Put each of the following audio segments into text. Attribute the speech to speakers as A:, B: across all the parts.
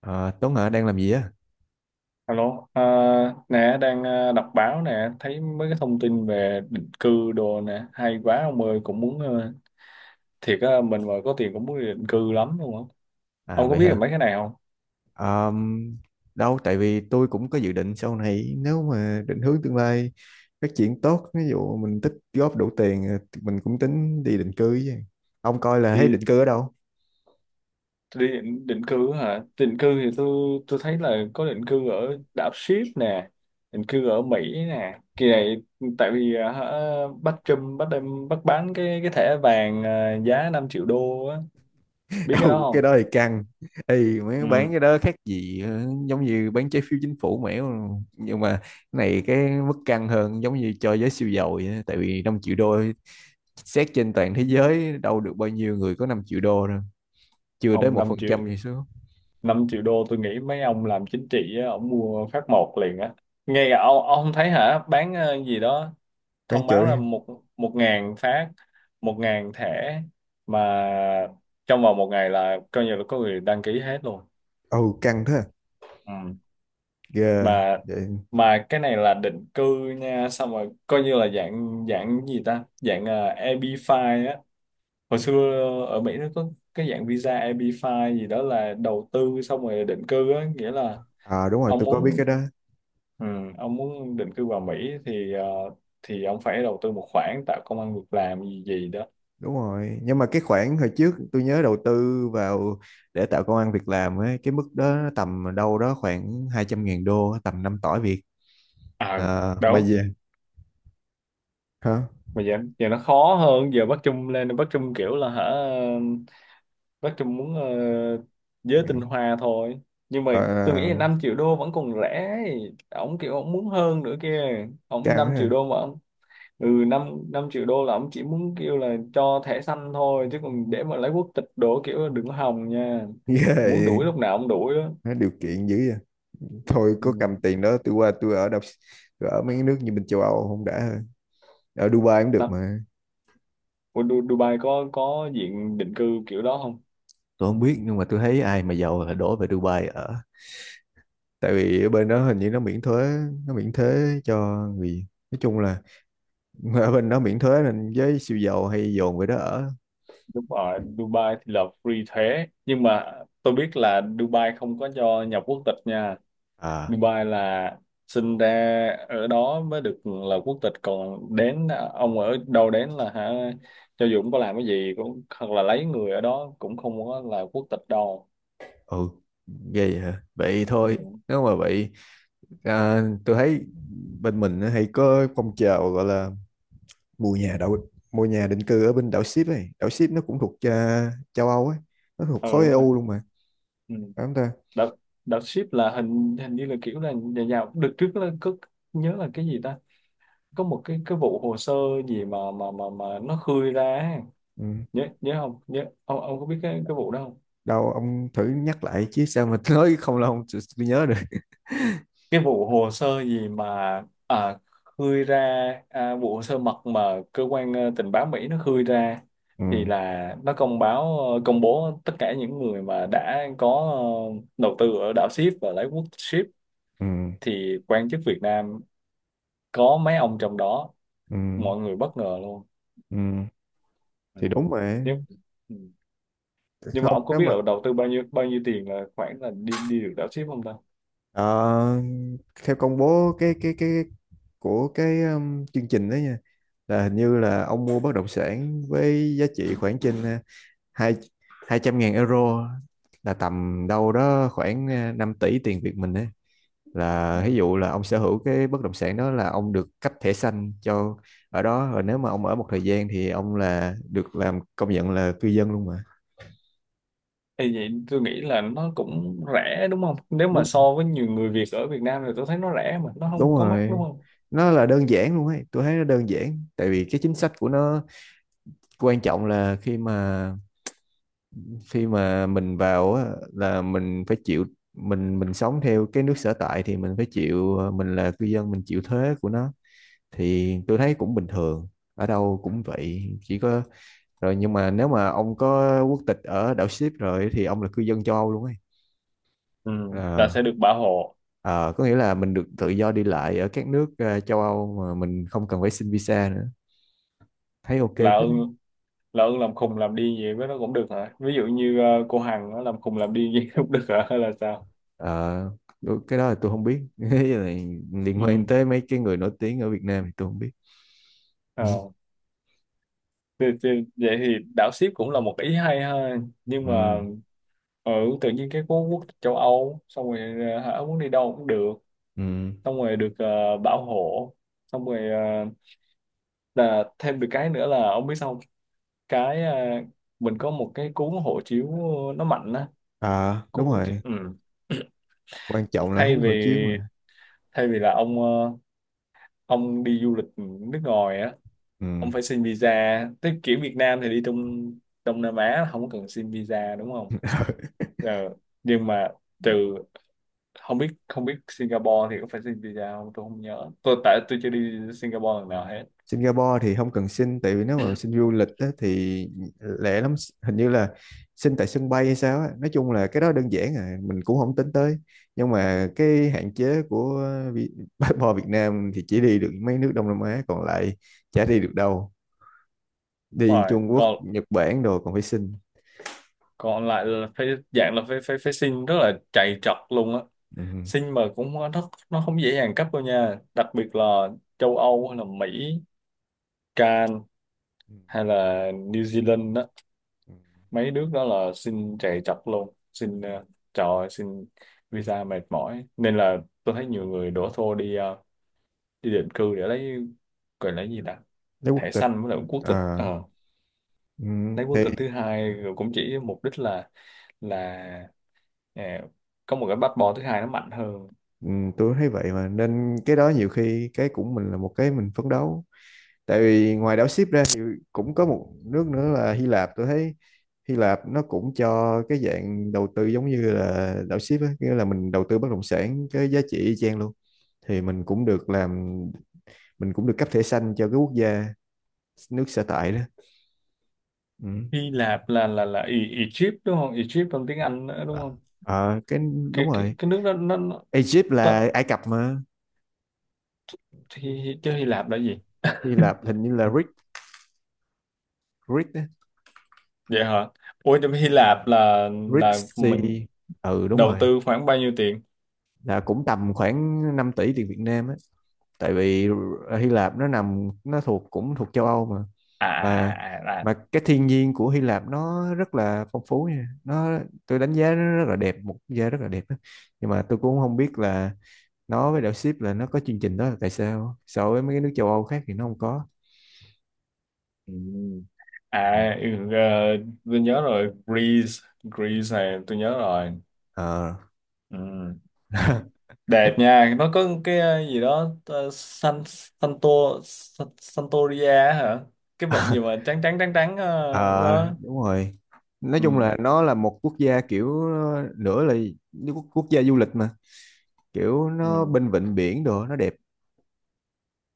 A: Ờ, Tuấn hả đang làm gì á?
B: Alo, nè đang đọc báo nè, thấy mấy cái thông tin về định cư đồ nè, hay quá ông ơi, cũng muốn thiệt á, mình mà có tiền cũng muốn đi định cư lắm luôn á.
A: À
B: Ông có
A: vậy
B: biết là
A: hả?
B: mấy cái này không?
A: Ờm, Đâu tại vì tôi cũng có dự định sau này nếu mà định hướng tương lai phát triển tốt, ví dụ mình tích góp đủ tiền, thì mình cũng tính đi định cư với. Ông coi là thấy
B: Đi
A: định cư ở đâu?
B: đi định, định cư á hả? Định cư thì tôi thấy là có định cư ở đảo Ship nè, định cư ở Mỹ nè. Kỳ này tại vì bắt Trump bắt đem bắt bán cái thẻ vàng à, giá 5 triệu đô á, biết cái đó
A: Ừ, cái
B: không?
A: đó thì căng. Ê, mấy bán
B: Ừ,
A: cái đó khác gì, giống như bán trái phiếu chính phủ mẻo, nhưng mà cái này cái mức căng hơn, giống như cho giới siêu giàu vậy á. Tại vì 5 triệu đô, xét trên toàn thế giới đâu được bao nhiêu người có 5 triệu đô đâu, chưa tới
B: không
A: một
B: 5
A: phần
B: triệu,
A: trăm gì số.
B: 5 triệu đô tôi nghĩ mấy ông làm chính trị á, ông mua phát một liền á, nghe cả ông không thấy hả bán gì đó
A: Bán
B: thông báo là
A: chổi.
B: một một ngàn phát, một ngàn thẻ mà trong vòng một ngày là coi như là có người đăng ký hết luôn.
A: Ừ, căng thế à?
B: Ừ,
A: Ghê
B: mà
A: vậy.
B: mà cái này là định cư nha, xong rồi coi như là dạng dạng gì ta, dạng EB-5 á. Hồi xưa ở Mỹ nó có cái dạng visa EB-5 gì đó là đầu tư xong rồi định cư á, nghĩa là
A: À, đúng rồi,
B: ông
A: tôi có biết cái
B: muốn,
A: đó.
B: ừ, ông muốn định cư vào Mỹ thì thì ông phải đầu tư một khoản tạo công ăn việc làm gì gì đó.
A: Đúng rồi, nhưng mà cái khoản hồi trước tôi nhớ đầu tư vào để tạo công ăn việc làm ấy, cái mức đó nó tầm đâu đó khoảng 200 ngàn đô, tầm 5 tỏi Việt.
B: À,
A: À, mà
B: đúng.
A: gì? Hả?
B: Mà giờ, giờ nó khó hơn, giờ Bắc Trung lên Bắc Trung kiểu là hả, Bắc Trung muốn giới tinh hoa thôi. Nhưng mà tôi nghĩ là
A: Ờ,
B: 5 triệu đô vẫn còn rẻ. Ông kiểu ông muốn hơn nữa kia. Ông
A: căng
B: 5
A: ha.
B: triệu đô mà ông, ừ 5 5 triệu đô là ông chỉ muốn kêu là cho thẻ xanh thôi chứ còn để mà lấy quốc tịch đổ kiểu là đừng hòng nha. Muốn
A: Ghê.
B: đuổi lúc nào ông đuổi đó.
A: Nó điều kiện dữ vậy. Thôi có cầm
B: Ừ.
A: tiền đó tôi qua tôi ở đọc, tôi ở mấy cái nước như bên châu Âu không đã hơn. Ở Dubai cũng được
B: Đó.
A: mà.
B: Ủa, Dubai có diện định cư kiểu đó không?
A: Tôi không biết, nhưng mà tôi thấy ai mà giàu là đổ về Dubai ở, tại vì ở bên đó hình như nó miễn thuế, nó miễn thuế cho người, nói chung là ở bên đó miễn thuế nên với siêu giàu hay dồn về đó ở.
B: Đúng rồi, Dubai thì là free thuế. Nhưng mà tôi biết là Dubai không có cho nhập quốc tịch nha.
A: À.
B: Dubai là sinh ra ở đó mới được là quốc tịch. Còn đến, ông ở đâu đến là hả? Cho dù cũng có làm cái gì, cũng hoặc là lấy người ở đó cũng không có là quốc tịch đâu.
A: Ừ. Ghê vậy hả. Vậy
B: Ừ,
A: thôi, nếu mà vậy, tôi thấy bên mình nó hay có phong trào gọi là mua nhà định cư ở bên đảo Ship ấy. Đảo Ship nó cũng thuộc, châu Âu ấy, nó thuộc
B: ừ
A: khối
B: đúng rồi.
A: EU luôn mà,
B: Ừ.
A: phải không ta?
B: Đợt, đợt ship là hình hình như là kiểu là nhà giàu. Đợt trước là có, nhớ là cái gì ta? Có một cái vụ hồ sơ gì mà mà nó khơi ra ấy.
A: Ừ.
B: Nhớ nhớ không nhớ, ông có biết cái vụ đó không,
A: Đâu ông thử nhắc lại chứ sao mà nói không là không, tôi nhớ được.
B: cái vụ hồ sơ gì mà, à, khơi ra, vụ hồ sơ mật mà cơ quan tình báo Mỹ nó khơi ra
A: Ừ.
B: thì là nó công báo công bố tất cả những người mà đã có đầu tư ở đảo ship và lấy quốc ship,
A: Ừ.
B: thì quan chức Việt Nam có mấy ông trong đó,
A: Ừ.
B: mọi người bất ngờ luôn.
A: Ừ.
B: Ừ.
A: Thì đúng mà.
B: Nếu- nhưng mà
A: Không,
B: ông có
A: nếu
B: biết
A: mà,
B: là đầu tư bao nhiêu tiền là khoảng là đi đi được đảo ship không ta?
A: ờ, theo công bố cái của cái, chương trình đó nha, là hình như là ông mua bất động sản với giá trị khoảng trên, hai 200 ngàn euro, là tầm đâu đó khoảng, 5 tỷ tiền Việt mình ấy, là
B: Ừ.
A: ví dụ là ông sở hữu cái bất động sản đó là ông được cấp thẻ xanh cho ở đó rồi. Nếu mà ông ở một thời gian thì ông là được làm công nhận là cư dân luôn mà.
B: Thì vậy tôi nghĩ là nó cũng rẻ đúng không, nếu mà
A: lúc
B: so với nhiều người Việt ở Việt Nam thì tôi thấy nó rẻ mà nó
A: Đúng
B: không có mắc đúng
A: rồi,
B: không.
A: nó là đơn giản luôn ấy, tôi thấy nó đơn giản tại vì cái chính sách của nó. Quan trọng là khi mà mình vào á, là mình phải chịu, mình sống theo cái nước sở tại thì mình phải chịu, mình là cư dân mình chịu thuế của nó, thì tôi thấy cũng bình thường, ở đâu cũng vậy chỉ có rồi. Nhưng mà nếu mà ông có quốc tịch ở đảo ship rồi thì ông là cư dân châu Âu luôn ấy.
B: Ừ. Là
A: Ờ,
B: sẽ được bảo hộ.
A: ờ, có nghĩa là mình được tự do đi lại ở các nước, châu Âu mà mình không cần phải xin visa nữa. Thấy ok phết
B: Là
A: đấy.
B: ơn, là ưng làm khùng làm điên gì với nó cũng được hả, ví dụ như cô Hằng nó làm khùng làm điên gì cũng được hả hay là sao.
A: Ờ, cái đó là tôi không biết. Cái này liên quan
B: Ừ.
A: tới mấy cái người nổi tiếng ở Việt Nam thì tôi không biết.
B: Ờ. Thì, thì, vậy thì đảo ship cũng là một ý hay ha, nhưng
A: Ừ.
B: mà ừ, tự nhiên cái quốc quốc tịch châu Âu xong rồi hả, muốn đi đâu cũng được,
A: Ừ.
B: xong rồi được Bảo Hộ, xong rồi là thêm được cái nữa là ông biết sao không? Cái mình có một cái cuốn hộ chiếu nó mạnh á,
A: À,
B: cuốn
A: đúng
B: hộ chiếu
A: rồi.
B: ừ.
A: Quan trọng là
B: Thay
A: húng hộ chiếu
B: vì,
A: mà.
B: thay vì là ông ông đi du lịch nước ngoài á,
A: Ừ.
B: ông phải xin visa, tới kiểu Việt Nam thì đi trong Đông Nam Á không có cần xin visa đúng không. Ờ, nhưng mà trừ, không biết Singapore thì có phải xin visa không, tôi không nhớ tôi, tại tôi chưa đi Singapore lần nào hết.
A: Singapore thì không cần xin, tại vì nếu mà xin du lịch á, thì lẻ lắm, hình như là xin tại sân bay hay sao á. Nói chung là cái đó đơn giản à, mình cũng không tính tới, nhưng mà cái hạn chế của Vi- passport Việt Nam thì chỉ đi được mấy nước Đông Nam Á, còn lại chả đi được đâu, đi
B: Rồi
A: Trung Quốc
B: còn,
A: Nhật Bản đồ còn phải xin.
B: còn lại là phải dạng là phải phải phải xin rất là chạy trật luôn á,
A: Ừ.
B: xin mà cũng không- nó không dễ dàng cấp đâu nha, đặc biệt là châu Âu hay là Mỹ, Can
A: Ừ.
B: hay là New Zealand đó,
A: Ừ.
B: mấy nước đó là xin chạy trật luôn xin trời ơi, xin visa mệt mỏi nên là tôi thấy nhiều người đổ xô đi đi định cư để lấy, gọi là cái gì ta,
A: Lấy quốc
B: thẻ
A: tịch.
B: xanh với lại quốc tịch.
A: À.
B: Ờ,
A: Ừ.
B: lấy quốc
A: Thì.
B: tịch thứ hai rồi cũng chỉ mục đích là ờ, có một cái passport thứ hai nó mạnh hơn.
A: Ừ. Tôi thấy vậy mà nên cái đó nhiều khi cái cũng mình là một cái mình phấn đấu, tại vì ngoài đảo ship ra thì cũng có một nước nữa là Hy Lạp, tôi thấy. Hy Lạp nó cũng cho cái dạng đầu tư giống như là đảo ship á, nghĩa là mình đầu tư bất động sản cái giá trị y chang luôn, thì mình cũng được làm, mình cũng được cấp thẻ xanh cho cái quốc gia nước sở tại đó. Ừ.
B: Hy Lạp là là Ý, Egypt đúng không? Egypt trong tiếng Anh nữa đúng
A: Ờ,
B: không?
A: Ờ, cái Đúng
B: Cái cái
A: rồi.
B: cái nước đó nó
A: Egypt
B: tớ-
A: là Ai Cập mà.
B: thì chứ Hy Lạp là gì?
A: Hy Lạp hình như là Greek. Greek á.
B: Vậy hả? Ủa trong Hy Lạp
A: Greek
B: là mình
A: Sea. Ừ đúng
B: đầu
A: rồi.
B: tư khoảng bao nhiêu tiền?
A: Là cũng tầm khoảng 5 tỷ tiền Việt Nam á. Tại vì Hy Lạp nó nằm, nó thuộc cũng thuộc châu Âu mà.
B: À
A: Mà
B: à à à. À,
A: mà cái thiên nhiên của Hy Lạp nó rất là phong phú nha. Tôi đánh giá nó rất là đẹp, một quốc gia rất là đẹp á. Nhưng mà tôi cũng không biết là nó với đảo ship là nó có chương trình đó là tại sao so với mấy cái nước châu Âu khác thì nó không có.
B: ừ.
A: Ừ.
B: À ừ, ờ, tôi nhớ rồi, Greece, Greece này tôi nhớ rồi.
A: Ờ.
B: Ừ. Đẹp nha, nó có cái gì đó San Santo, San- Santoria hả? Cái bệnh gì mà trắng trắng trắng trắng
A: Ờ
B: đó.
A: Đúng rồi. Nói chung
B: Ừ.
A: là nó là một quốc gia kiểu, nữa là như quốc quốc gia du lịch mà, kiểu
B: Ừ.
A: nó bên vịnh biển đồ nó đẹp.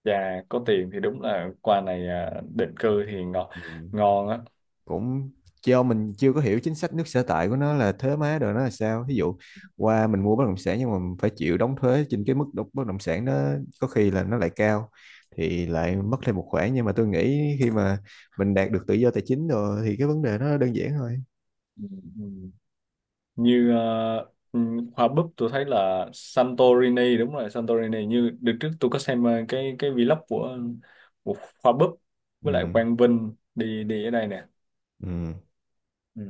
B: Dạ có tiền thì đúng là quà này à, định cư thì ngon,
A: Ừ.
B: ngon á.
A: Cũng do mình chưa có hiểu chính sách nước sở tại của nó là thuế má đồ nó là sao. Ví dụ qua mình mua bất động sản nhưng mà mình phải chịu đóng thuế trên cái mức bất động sản, nó có khi là nó lại cao, thì lại mất thêm một khoản, nhưng mà tôi nghĩ khi mà mình đạt được tự do tài chính rồi thì cái vấn đề nó đơn giản thôi.
B: Ừ. Ừ. Như ờ, ừ, hoa búp tôi thấy là Santorini, đúng rồi Santorini, như đợt trước tôi có xem cái vlog của hoa búp với lại
A: Ừ.
B: Quang Vinh đi đi ở đây nè.
A: Ừ.
B: Ừ.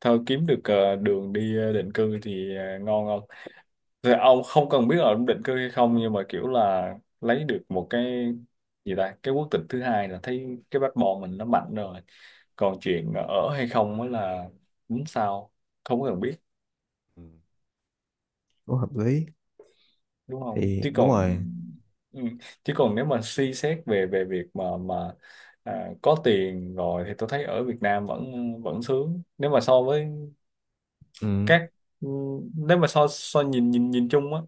B: Thôi kiếm được đường đi định cư thì ngon không, thì ông không cần biết là ông định cư hay không nhưng mà kiểu là lấy được một cái gì ta, cái quốc tịch thứ hai là thấy cái passport mình nó mạnh rồi, còn chuyện ở hay không mới là đúng sao, không có cần biết
A: Ừ. Cũng hợp lý.
B: đúng không
A: Thì
B: chứ
A: đúng
B: còn,
A: rồi.
B: ừ, chứ còn nếu mà suy xét về về việc mà có tiền rồi thì tôi thấy ở Việt Nam vẫn vẫn sướng, nếu mà so với
A: Ừ.
B: các, nếu mà so so nhìn nhìn nhìn chung á,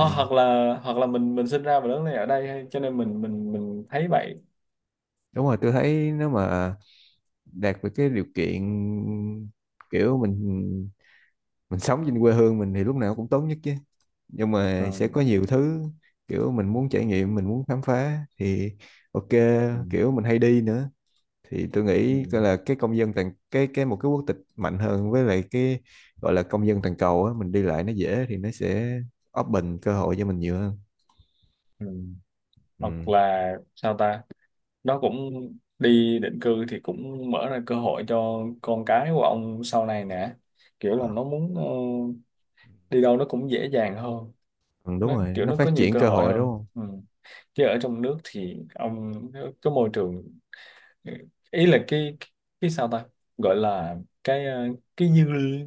A: Ừ.
B: hoặc là, hoặc là mình sinh ra và lớn lên ở đây hay cho nên mình thấy vậy.
A: Đúng rồi, tôi thấy nếu mà đạt được cái điều kiện, kiểu mình sống trên quê hương mình thì lúc nào cũng tốt nhất chứ, nhưng mà sẽ
B: Ừ,
A: có nhiều thứ kiểu mình muốn trải nghiệm mình muốn khám phá thì ok,
B: ừ,
A: kiểu mình hay đi nữa thì tôi
B: ừ,
A: nghĩ coi là cái công dân toàn cái một cái quốc tịch mạnh hơn, với lại cái gọi là công dân toàn cầu á, mình đi lại nó dễ thì nó sẽ open cơ hội cho mình nhiều hơn.
B: ừ. Hoặc
A: Ừ.
B: là sao ta, nó cũng, đi định cư thì cũng mở ra cơ hội cho con cái của ông sau này nè, kiểu là
A: Ờ,
B: nó muốn đi đâu nó cũng dễ dàng hơn,
A: ừ, Đúng
B: nó
A: rồi,
B: kiểu
A: nó
B: nó có
A: phát
B: nhiều
A: triển
B: cơ
A: cơ
B: hội
A: hội,
B: hơn.
A: đúng
B: Ừ. Chứ ở trong nước thì ông, cái môi trường, ý là cái sao ta, gọi là cái cái dư,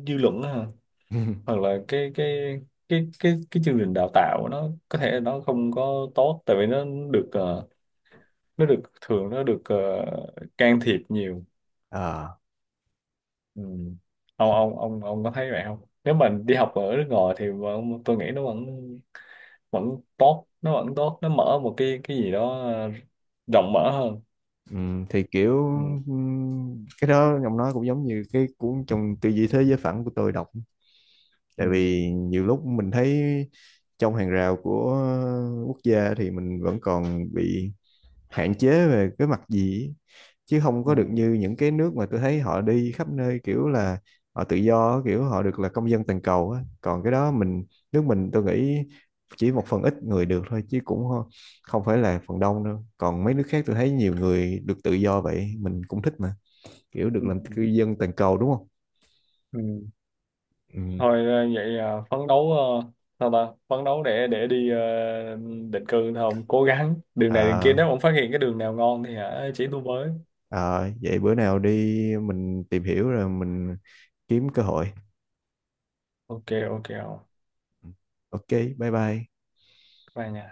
B: dư luận đó, hả?
A: không?
B: Hoặc là cái chương trình đào tạo nó có thể nó không có tốt, tại vì nó được nó được thường nó được can thiệp nhiều.
A: Ờ,
B: Ừ. ông có thấy vậy không, nếu mình đi học ở nước ngoài thì vẫn- tôi nghĩ nó vẫn, vẫn tốt, nó vẫn tốt, nó mở một cái gì đó rộng mở hơn.
A: thì kiểu,
B: Ừ.
A: cái đó ông nói cũng giống như cái cuốn trong tư duy thế giới phẳng của tôi đọc, tại
B: Ừ.
A: vì nhiều lúc mình thấy trong hàng rào của quốc gia thì mình vẫn còn bị hạn chế về cái mặt gì ấy, chứ không có được như những cái nước mà tôi thấy họ đi khắp nơi, kiểu là họ tự do, kiểu họ được là công dân toàn cầu á. Còn cái đó mình nước mình tôi nghĩ chỉ một phần ít người được thôi, chứ cũng không phải là phần đông đâu, còn mấy nước khác tôi thấy nhiều người được tự do vậy mình cũng thích mà, kiểu được
B: Ừ.
A: làm cư dân toàn cầu đúng không?
B: Ừ.
A: Ừ.
B: Thôi vậy phấn đấu sao ta, phấn đấu để đi định cư thôi, ông cố gắng đường này đường kia,
A: à,
B: nếu ông phát hiện cái đường nào ngon thì hả chỉ tôi với.
A: Vậy bữa nào đi mình tìm hiểu rồi mình kiếm cơ hội.
B: Ok, ok, không,
A: Ừ. Ok, bye bye.
B: bye nha.